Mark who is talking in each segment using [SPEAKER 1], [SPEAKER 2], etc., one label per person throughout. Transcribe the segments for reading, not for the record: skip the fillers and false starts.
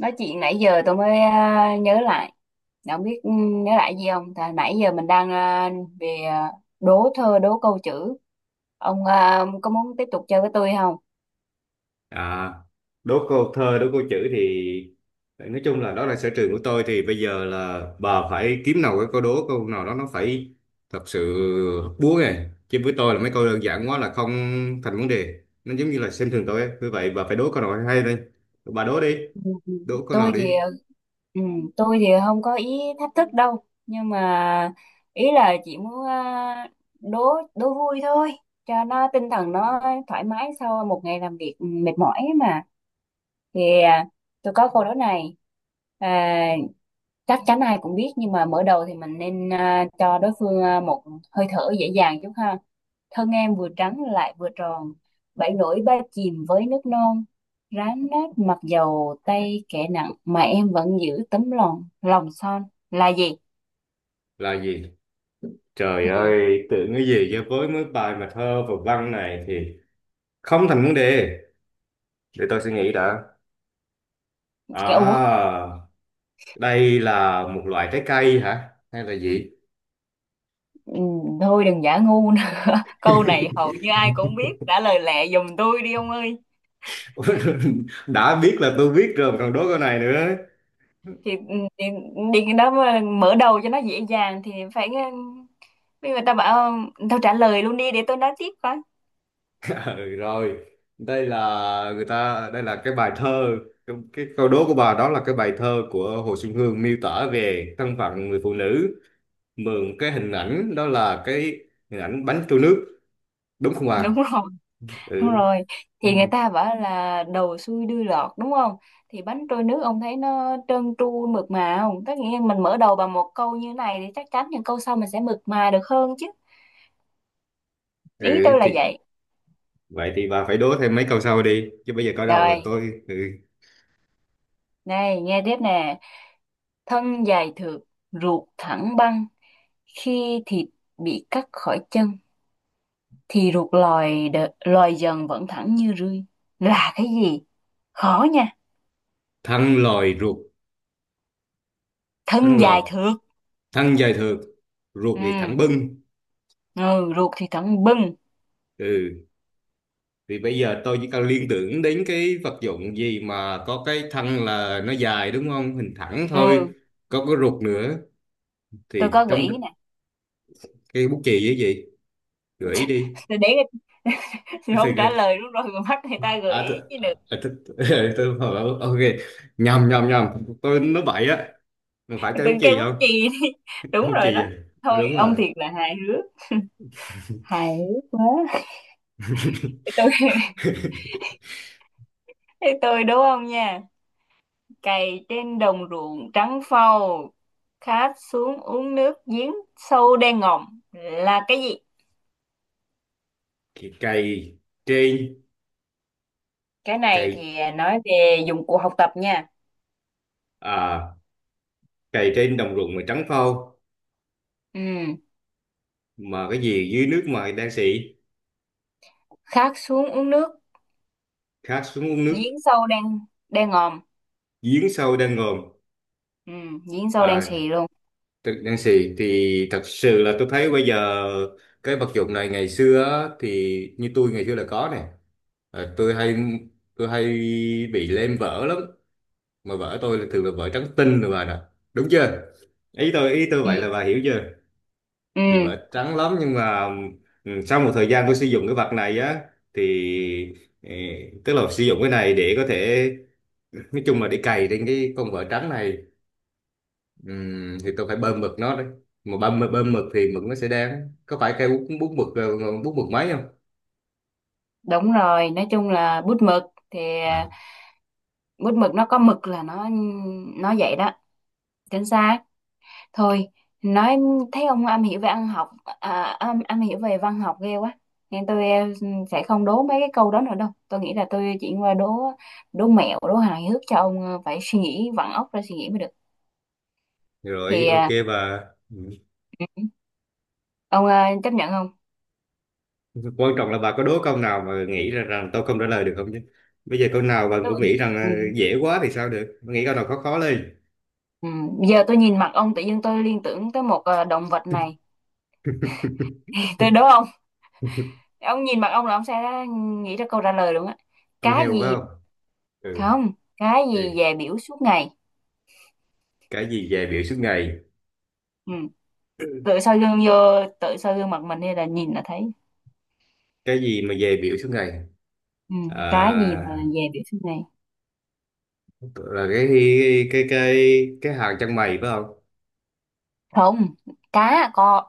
[SPEAKER 1] Nói chuyện nãy giờ tôi mới nhớ lại. Đã không biết, nhớ lại gì không? Tại nãy giờ mình đang về, đố thơ, đố câu chữ. Ông có muốn tiếp tục chơi với tôi không?
[SPEAKER 2] À, đố câu thơ, đố câu chữ thì nói chung là đó là sở trường của tôi, thì bây giờ là bà phải kiếm nào cái câu đố câu nào đó nó phải thật sự búa này, chứ với tôi là mấy câu đơn giản quá là không thành vấn đề, nó giống như là xem thường tôi ấy. Vì vậy bà phải đố câu nào hay đây, bà đố đi,
[SPEAKER 1] Ừ,
[SPEAKER 2] đố câu nào
[SPEAKER 1] tôi thì
[SPEAKER 2] đi
[SPEAKER 1] ừ, tôi thì không có ý thách thức đâu, nhưng mà ý là chỉ muốn đố đố vui thôi, cho nó tinh thần, nó thoải mái sau một ngày làm việc mệt mỏi ấy mà. Thì tôi có câu đố này. à, Chắc chắn ai cũng biết, nhưng mà mở đầu thì mình nên cho đối phương một hơi thở dễ dàng chút ha. Thân em vừa trắng lại vừa tròn, bảy nổi ba chìm với nước non, rám nát mặc dầu tay kẻ nặng, mà em vẫn giữ tấm lòng lòng son. Là gì?
[SPEAKER 2] là gì. Trời
[SPEAKER 1] Ừ.
[SPEAKER 2] ơi, tưởng cái gì chứ với mấy bài mà thơ và văn này thì không thành vấn đề, để tôi suy nghĩ đã.
[SPEAKER 1] Cái, ủa.
[SPEAKER 2] à Đây là một loại trái cây hả? Hay là gì?
[SPEAKER 1] Ừ, thôi đừng giả ngu nữa. Câu này hầu như ai cũng biết, trả lời lẹ giùm tôi đi ông ơi.
[SPEAKER 2] Đã biết là tôi biết rồi mà còn đố câu này nữa.
[SPEAKER 1] Thì ừ, thì điền cái đó mà mở đầu cho nó dễ dàng thì phải, bây người ta bảo tao trả lời luôn đi để tôi nói tiếp coi.
[SPEAKER 2] Ừ, rồi. Đây là người ta, đây là cái bài thơ, cái câu đố của bà đó là cái bài thơ của Hồ Xuân Hương miêu tả về thân phận người phụ nữ, mượn cái hình ảnh đó là cái hình ảnh bánh trôi nước, đúng không bà?
[SPEAKER 1] Đúng rồi, đúng
[SPEAKER 2] Ừ.
[SPEAKER 1] rồi. Thì người ta bảo là đầu xuôi đuôi lọt đúng không? Thì bánh trôi nước ông thấy nó trơn tru mượt mà không? Tất nhiên mình mở đầu bằng một câu như này thì chắc chắn những câu sau mình sẽ mượt mà được hơn chứ. Ý
[SPEAKER 2] Ừ
[SPEAKER 1] tôi là
[SPEAKER 2] thì
[SPEAKER 1] vậy.
[SPEAKER 2] vậy thì bà phải đố thêm mấy câu sau đi chứ, bây giờ có đầu là
[SPEAKER 1] Rồi,
[SPEAKER 2] tôi ừ.
[SPEAKER 1] này nghe tiếp nè. Thân dài thượt, ruột thẳng băng, khi thịt bị cắt khỏi chân thì ruột lòi dần vẫn thẳng như rươi. Là cái gì? Khó nha.
[SPEAKER 2] Thăng lòi ruột, thăng
[SPEAKER 1] Thân dài
[SPEAKER 2] lòi,
[SPEAKER 1] thượt.
[SPEAKER 2] thân dài thượt, ruột
[SPEAKER 1] Ừ.
[SPEAKER 2] thì thẳng bưng,
[SPEAKER 1] Ừ, ruột thì thẳng bưng.
[SPEAKER 2] ừ thì bây giờ tôi chỉ cần liên tưởng đến cái vật dụng gì mà có cái thân là nó dài, đúng không, hình thẳng thôi,
[SPEAKER 1] Ừ.
[SPEAKER 2] có cái ruột nữa,
[SPEAKER 1] Tôi
[SPEAKER 2] thì
[SPEAKER 1] có gợi
[SPEAKER 2] trong
[SPEAKER 1] ý nè.
[SPEAKER 2] cái bút chì với gì, gợi ý đi.
[SPEAKER 1] Tôi để, thì
[SPEAKER 2] Thì
[SPEAKER 1] không trả lời đúng rồi mà mắt người ta gợi ý chứ được.
[SPEAKER 2] tôi bảo, ok, nhầm nhầm nhầm, tôi nói bậy á, mình phải cây bút
[SPEAKER 1] Đừng, cây
[SPEAKER 2] chì
[SPEAKER 1] bút
[SPEAKER 2] không,
[SPEAKER 1] chì đi. Đúng
[SPEAKER 2] bút
[SPEAKER 1] rồi
[SPEAKER 2] chì à,
[SPEAKER 1] đó. Thôi
[SPEAKER 2] đúng rồi.
[SPEAKER 1] ông thiệt là hài hước, hài hước quá. Thế tôi thế tôi đúng không nha. Cày trên đồng ruộng trắng phau, khát xuống uống nước giếng sâu đen ngòm. Là cái gì?
[SPEAKER 2] Thì cây trên,
[SPEAKER 1] Cái này
[SPEAKER 2] cây,
[SPEAKER 1] thì nói về dụng cụ học tập nha.
[SPEAKER 2] à, cây trên đồng ruộng mà trắng phau,
[SPEAKER 1] Ừ.
[SPEAKER 2] mà cái gì dưới nước mà đang xị,
[SPEAKER 1] Khát xuống uống nước,
[SPEAKER 2] khát xuống uống nước
[SPEAKER 1] giếng sâu đang, đang ngòm.
[SPEAKER 2] giếng sâu đang ngòm.
[SPEAKER 1] Ừ. Giếng sâu đang
[SPEAKER 2] À,
[SPEAKER 1] xì luôn.
[SPEAKER 2] đang xị thì thật sự là tôi thấy bây giờ cái vật dụng này ngày xưa á, thì như tôi ngày xưa là có nè, à, tôi hay bị lem vỡ lắm, mà vỡ tôi là thường là vỡ trắng tinh rồi bà nè, đúng chưa, ý tôi
[SPEAKER 1] Ừ.
[SPEAKER 2] vậy là bà hiểu chưa.
[SPEAKER 1] Ừ,
[SPEAKER 2] Thì vỡ trắng lắm nhưng mà sau một thời gian tôi sử dụng cái vật này á thì ừ, tức là sử dụng cái này để có thể, nói chung là để cày trên cái con vợ trắng này, thì tôi phải bơm mực nó đấy, mà bơm bơm mực thì mực nó sẽ đen, có phải cây bút bút mực, bút mực máy không.
[SPEAKER 1] đúng rồi, nói chung là bút mực. Thì
[SPEAKER 2] À.
[SPEAKER 1] bút mực nó có mực là nó vậy đó. Chính xác. Thôi, nói, thấy ông am hiểu về ăn học, am hiểu về văn học ghê quá. Nên tôi, ừ, sẽ không đố mấy cái câu đó nữa đâu. Tôi nghĩ là tôi chuyển qua đố đố mẹo, đố hài hước, cho ông phải suy nghĩ vặn óc ra suy nghĩ mới được.
[SPEAKER 2] Rồi,
[SPEAKER 1] Thì
[SPEAKER 2] ok bà.
[SPEAKER 1] Ừ. Ông chấp nhận không?
[SPEAKER 2] Ừ, quan trọng là bà có đố câu nào mà nghĩ ra rằng tôi không trả lời được không chứ, bây giờ câu nào bà
[SPEAKER 1] Tôi,
[SPEAKER 2] cũng nghĩ rằng
[SPEAKER 1] ừ.
[SPEAKER 2] dễ quá thì sao được. Bà nghĩ câu nào khó khó lên.
[SPEAKER 1] Ừ. Giờ tôi nhìn mặt ông tự nhiên tôi liên tưởng tới một động vật này. Tôi đố ông nhìn mặt ông là ông sẽ nghĩ ra câu trả lời luôn á.
[SPEAKER 2] Con
[SPEAKER 1] Cái
[SPEAKER 2] heo phải
[SPEAKER 1] gì?
[SPEAKER 2] không. Ừ.
[SPEAKER 1] Không? Cái
[SPEAKER 2] Thì
[SPEAKER 1] gì về biểu suốt ngày?
[SPEAKER 2] cái gì về biểu suốt ngày,
[SPEAKER 1] Ừ. Tự soi gương vô, tự soi gương mặt mình hay là nhìn là thấy.
[SPEAKER 2] cái gì mà về biểu suốt ngày.
[SPEAKER 1] Ừ. Cái gì mà
[SPEAKER 2] À,
[SPEAKER 1] về biểu suốt ngày?
[SPEAKER 2] là cái hàng chân mày phải không.
[SPEAKER 1] Không, cá con.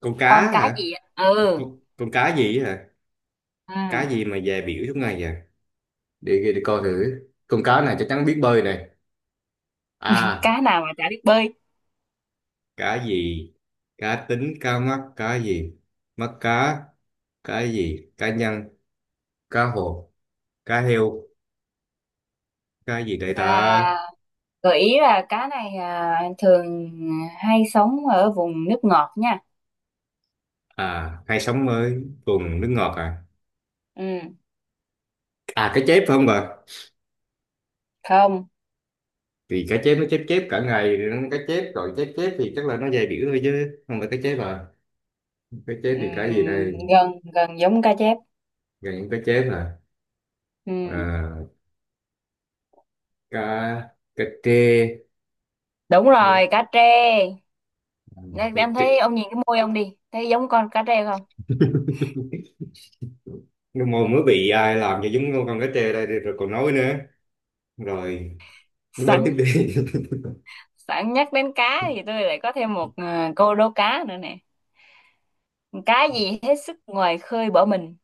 [SPEAKER 2] Con cá
[SPEAKER 1] Con cá gì?
[SPEAKER 2] hả,
[SPEAKER 1] Ạ? Ừ.
[SPEAKER 2] con cá gì á hả,
[SPEAKER 1] Ừ.
[SPEAKER 2] cá gì mà về biểu suốt ngày vậy, để coi thử, con cá này chắc chắn biết bơi này. À,
[SPEAKER 1] Cá nào mà chả biết bơi?
[SPEAKER 2] cá gì, cá tính, cá mắc, cá gì, mắc cá, cá gì, cá nhân, cá hồ, cá heo, cá gì đây ta.
[SPEAKER 1] À, gợi ý là cá này thường hay sống ở vùng nước ngọt nha.
[SPEAKER 2] À hay sống mới vùng nước ngọt à,
[SPEAKER 1] Ừ.
[SPEAKER 2] à cá chép phải không bà,
[SPEAKER 1] Không.
[SPEAKER 2] thì cá chép nó chép chép cả ngày rồi nó cá chép rồi chép chép thì chắc là nó dày biểu thôi chứ không phải cá chép à, cá chép
[SPEAKER 1] Ừ,
[SPEAKER 2] thì cá gì đây,
[SPEAKER 1] gần gần giống cá chép.
[SPEAKER 2] gần những cá chép à,
[SPEAKER 1] Ừ,
[SPEAKER 2] à, Cà, cà trê.
[SPEAKER 1] đúng
[SPEAKER 2] Ừ,
[SPEAKER 1] rồi, cá trê. Nên
[SPEAKER 2] cà
[SPEAKER 1] em
[SPEAKER 2] trê.
[SPEAKER 1] thấy ông nhìn cái môi ông đi, thấy giống con cá trê không?
[SPEAKER 2] Nhưng mà mới bị ai làm cho giống con cá trê đây rồi còn nói nữa, rồi đâu tiếp
[SPEAKER 1] Sẵn,
[SPEAKER 2] đi.
[SPEAKER 1] sẵn nhắc đến cá thì tôi lại có thêm một câu đố cá nữa nè. Cá gì hết sức ngoài khơi bỏ mình?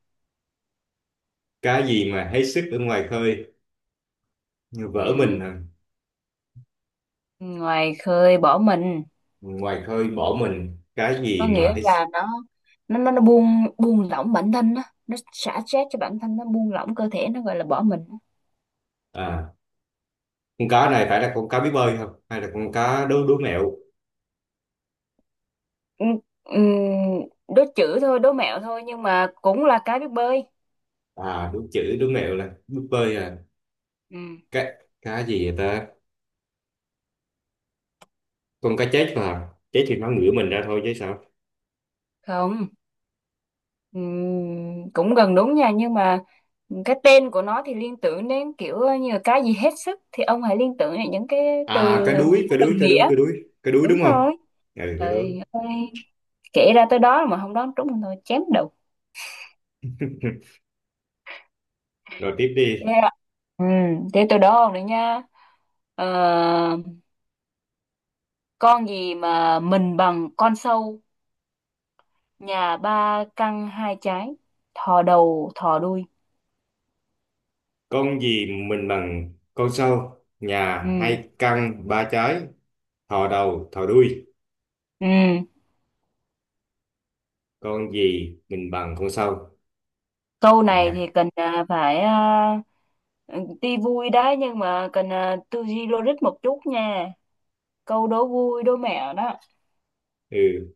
[SPEAKER 2] Cá gì mà hết sức ở ngoài khơi, như
[SPEAKER 1] Ừ.
[SPEAKER 2] vỡ mình à,
[SPEAKER 1] Ngoài khơi bỏ mình
[SPEAKER 2] ngoài khơi bỏ mình, cá
[SPEAKER 1] có
[SPEAKER 2] gì mà
[SPEAKER 1] nghĩa
[SPEAKER 2] hết sức.
[SPEAKER 1] là nó nó buông, buông lỏng bản thân á, nó xả stress cho bản thân, nó buông lỏng cơ thể, nó gọi là bỏ mình.
[SPEAKER 2] À, con cá này phải là con cá biết bơi không hay là con cá đố đố mẹo,
[SPEAKER 1] Ừ, ừ, đố chữ thôi, đố mẹo thôi, nhưng mà cũng là cái biết bơi.
[SPEAKER 2] à đúng chữ đố mẹo là biết bơi à,
[SPEAKER 1] Ừ.
[SPEAKER 2] cá, cá gì vậy ta, con cá chết mà chết thì nó ngửa mình ra thôi chứ sao.
[SPEAKER 1] Không. Ừ, cũng gần đúng nha, nhưng mà cái tên của nó thì liên tưởng đến kiểu như là cái gì hết sức, thì ông hãy liên tưởng đến những cái từ
[SPEAKER 2] À, cá
[SPEAKER 1] mà
[SPEAKER 2] đuối cá
[SPEAKER 1] nó đồng
[SPEAKER 2] đuối cá đuối
[SPEAKER 1] nghĩa.
[SPEAKER 2] cá đuối cá đuối
[SPEAKER 1] Đúng
[SPEAKER 2] đúng không,
[SPEAKER 1] rồi.
[SPEAKER 2] ừ cá đuối.
[SPEAKER 1] Trời ơi, kể ra tới đó mà không đoán trúng thì thôi chém đầu.
[SPEAKER 2] Rồi tiếp đi.
[SPEAKER 1] Thế ạ. Ừ, thế tôi đố ông đấy nhá. Ờ, con gì mà mình bằng con sâu, nhà ba căng hai trái, thò đầu thò đuôi.
[SPEAKER 2] Con gì mình bằng con sâu, nhà
[SPEAKER 1] Ừ,
[SPEAKER 2] hai căn ba trái, thò đầu thò đuôi.
[SPEAKER 1] ừ.
[SPEAKER 2] Con gì mình bằng con sâu?
[SPEAKER 1] Câu này
[SPEAKER 2] Nhà.
[SPEAKER 1] thì cần tuy vui đấy nhưng mà cần tư duy logic một chút nha. Câu đố vui đố mẹo đó.
[SPEAKER 2] Ừ.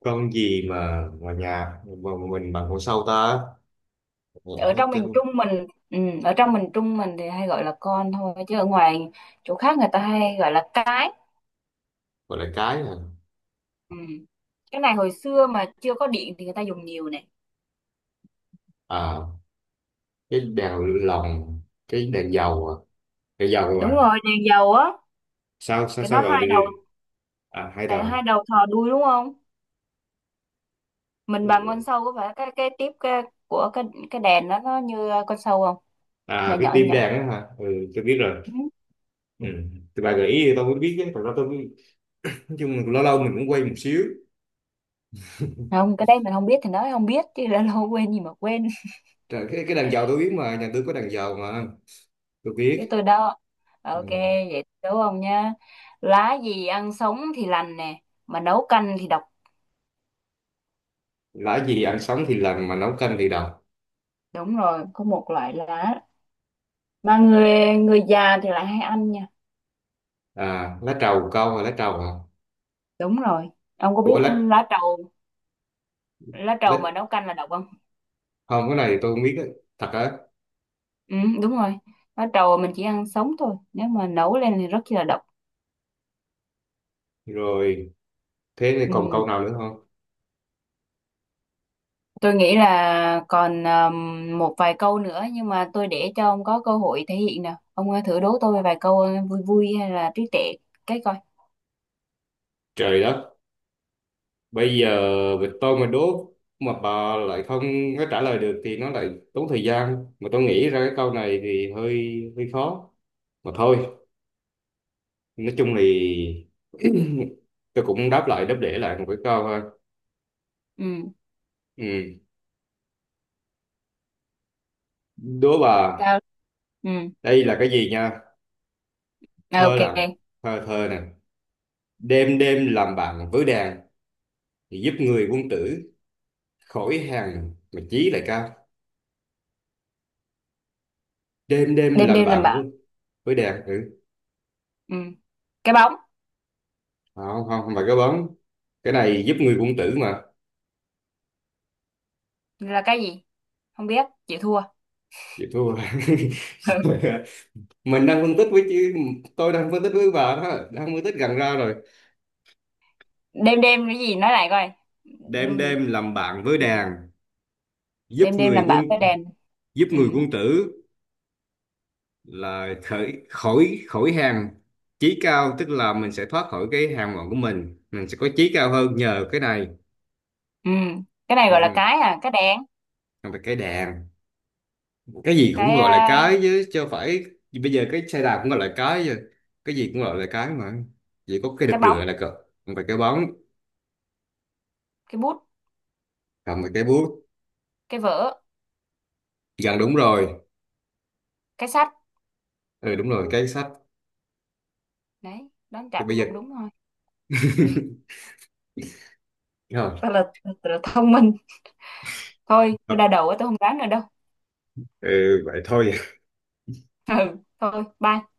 [SPEAKER 2] Con gì mà nhà mà mình bằng con sâu ta? Ờ,
[SPEAKER 1] Ở
[SPEAKER 2] hết
[SPEAKER 1] trong miền
[SPEAKER 2] trên
[SPEAKER 1] Trung mình, ở trong miền Trung mình thì hay gọi là con thôi, chứ ở ngoài chỗ khác người ta hay gọi là cái.
[SPEAKER 2] gọi là cái à.
[SPEAKER 1] Ừ. Cái này hồi xưa mà chưa có điện thì người ta dùng nhiều này.
[SPEAKER 2] À, cái đèn lồng, cái đèn dầu à, đèn dầu
[SPEAKER 1] Đúng
[SPEAKER 2] à.
[SPEAKER 1] rồi, đèn dầu á,
[SPEAKER 2] Sao sao sao
[SPEAKER 1] nó
[SPEAKER 2] gọi đi
[SPEAKER 1] hai
[SPEAKER 2] đi.
[SPEAKER 1] đầu,
[SPEAKER 2] À hai
[SPEAKER 1] tại hai
[SPEAKER 2] đầu.
[SPEAKER 1] đầu thò đuôi đúng không? Mình bằng
[SPEAKER 2] Ừ.
[SPEAKER 1] con sâu có phải cái tiếp cái, của cái đèn đó nó như con sâu không? Nhỏ
[SPEAKER 2] À cái
[SPEAKER 1] nhỏ
[SPEAKER 2] tim
[SPEAKER 1] nhỏ.
[SPEAKER 2] đèn á hả? Ừ, tôi biết rồi.
[SPEAKER 1] Ừ.
[SPEAKER 2] Ừ. Thì bà gợi ý thì tôi mới biết chứ, còn đó tôi nói chung là lâu lâu mình cũng quay một xíu.
[SPEAKER 1] Không, cái đấy mình không biết thì nói không biết, chứ đã lâu quên gì mà quên.
[SPEAKER 2] Trời, cái đàn dầu tôi biết, mà nhà tôi có đàn dầu mà, tôi
[SPEAKER 1] Cái
[SPEAKER 2] biết.
[SPEAKER 1] tôi đó.
[SPEAKER 2] Ừ.
[SPEAKER 1] Ok, vậy đúng không nha. Lá gì ăn sống thì lành nè, mà nấu canh thì độc.
[SPEAKER 2] Lã gì ăn sống thì làm mà nấu canh thì đồng,
[SPEAKER 1] Đúng rồi, có một loại lá mà người người già thì lại hay ăn nha.
[SPEAKER 2] à lá trầu câu, là lá trầu à,
[SPEAKER 1] Đúng rồi. Ông có biết
[SPEAKER 2] ủa lá,
[SPEAKER 1] lá trầu, lá
[SPEAKER 2] lá,
[SPEAKER 1] trầu mà nấu canh là độc không?
[SPEAKER 2] không cái này thì tôi không biết á, thật á.
[SPEAKER 1] Ừ, đúng rồi, lá trầu mình chỉ ăn sống thôi, nếu mà nấu lên thì rất chi là độc.
[SPEAKER 2] Rồi, thế thì còn
[SPEAKER 1] Ừ.
[SPEAKER 2] câu nào nữa không.
[SPEAKER 1] Tôi nghĩ là còn một vài câu nữa, nhưng mà tôi để cho ông có cơ hội thể hiện. Nào ông thử đố tôi vài câu vui vui hay là trí tuệ cái coi.
[SPEAKER 2] Trời đất, bây giờ vịt tôi mà đố mà bà lại không có trả lời được thì nó lại tốn thời gian, mà tôi nghĩ ra cái câu này thì hơi hơi khó, mà thôi, nói chung thì tôi cũng đáp lại đáp để lại một cái câu ha.
[SPEAKER 1] Ừ.
[SPEAKER 2] Ừ. Đố bà,
[SPEAKER 1] Sao. Ừ.
[SPEAKER 2] đây là cái gì nha?
[SPEAKER 1] À,
[SPEAKER 2] Thơ
[SPEAKER 1] ok.
[SPEAKER 2] lặng, thơ thơ nè. Đêm đêm làm bạn với đàn, thì giúp người quân tử khỏi hàng mà chí lại cao. Đêm đêm
[SPEAKER 1] Đêm
[SPEAKER 2] làm
[SPEAKER 1] đêm làm
[SPEAKER 2] bạn
[SPEAKER 1] bạn.
[SPEAKER 2] với đàn, ừ.
[SPEAKER 1] Ừ. Cái bóng.
[SPEAKER 2] Không, không phải cái bóng. Cái này giúp người quân tử mà.
[SPEAKER 1] Là cái gì? Không biết, chịu thua.
[SPEAKER 2] Chị thua.
[SPEAKER 1] Ừ.
[SPEAKER 2] Mình đang phân tích với chứ, tôi đang phân tích với bà đó, đang phân tích gần ra rồi.
[SPEAKER 1] Đêm đêm cái gì nói lại coi?
[SPEAKER 2] Đêm
[SPEAKER 1] Đuôi.
[SPEAKER 2] đêm làm bạn với đàn, giúp
[SPEAKER 1] Đêm đêm
[SPEAKER 2] người
[SPEAKER 1] làm
[SPEAKER 2] quân
[SPEAKER 1] bão cái đèn.
[SPEAKER 2] giúp
[SPEAKER 1] Ừ.
[SPEAKER 2] người quân tử là khởi khỏi khỏi hàng chí cao, tức là mình sẽ thoát khỏi cái hàng ngọn của mình sẽ có chí cao hơn nhờ cái này.
[SPEAKER 1] Ừ, cái này gọi là
[SPEAKER 2] Ừ.
[SPEAKER 1] cái cái đèn.
[SPEAKER 2] Còn về cái đàn, cái gì cũng
[SPEAKER 1] Cái
[SPEAKER 2] gọi là cái chứ chứ không phải bây giờ cái xe đạp cũng gọi là cái rồi, cái gì cũng gọi là cái mà, chỉ có cái đực
[SPEAKER 1] cái
[SPEAKER 2] rửa
[SPEAKER 1] bóng.
[SPEAKER 2] là cờ, còn về cái bóng,
[SPEAKER 1] Cái bút.
[SPEAKER 2] còn về cái bút,
[SPEAKER 1] Cái vở.
[SPEAKER 2] gần đúng rồi,
[SPEAKER 1] Cái sách.
[SPEAKER 2] ừ đúng rồi cái sách.
[SPEAKER 1] Đấy, đoán
[SPEAKER 2] Thì
[SPEAKER 1] chặt
[SPEAKER 2] bây
[SPEAKER 1] cũng
[SPEAKER 2] giờ
[SPEAKER 1] cũng đúng thôi.
[SPEAKER 2] rồi,
[SPEAKER 1] Ta là, ta là thông minh. Thôi tôi đau đầu quá, tôi không đoán nữa đâu.
[SPEAKER 2] ừ, vậy thôi.
[SPEAKER 1] Ừ. Thôi bye.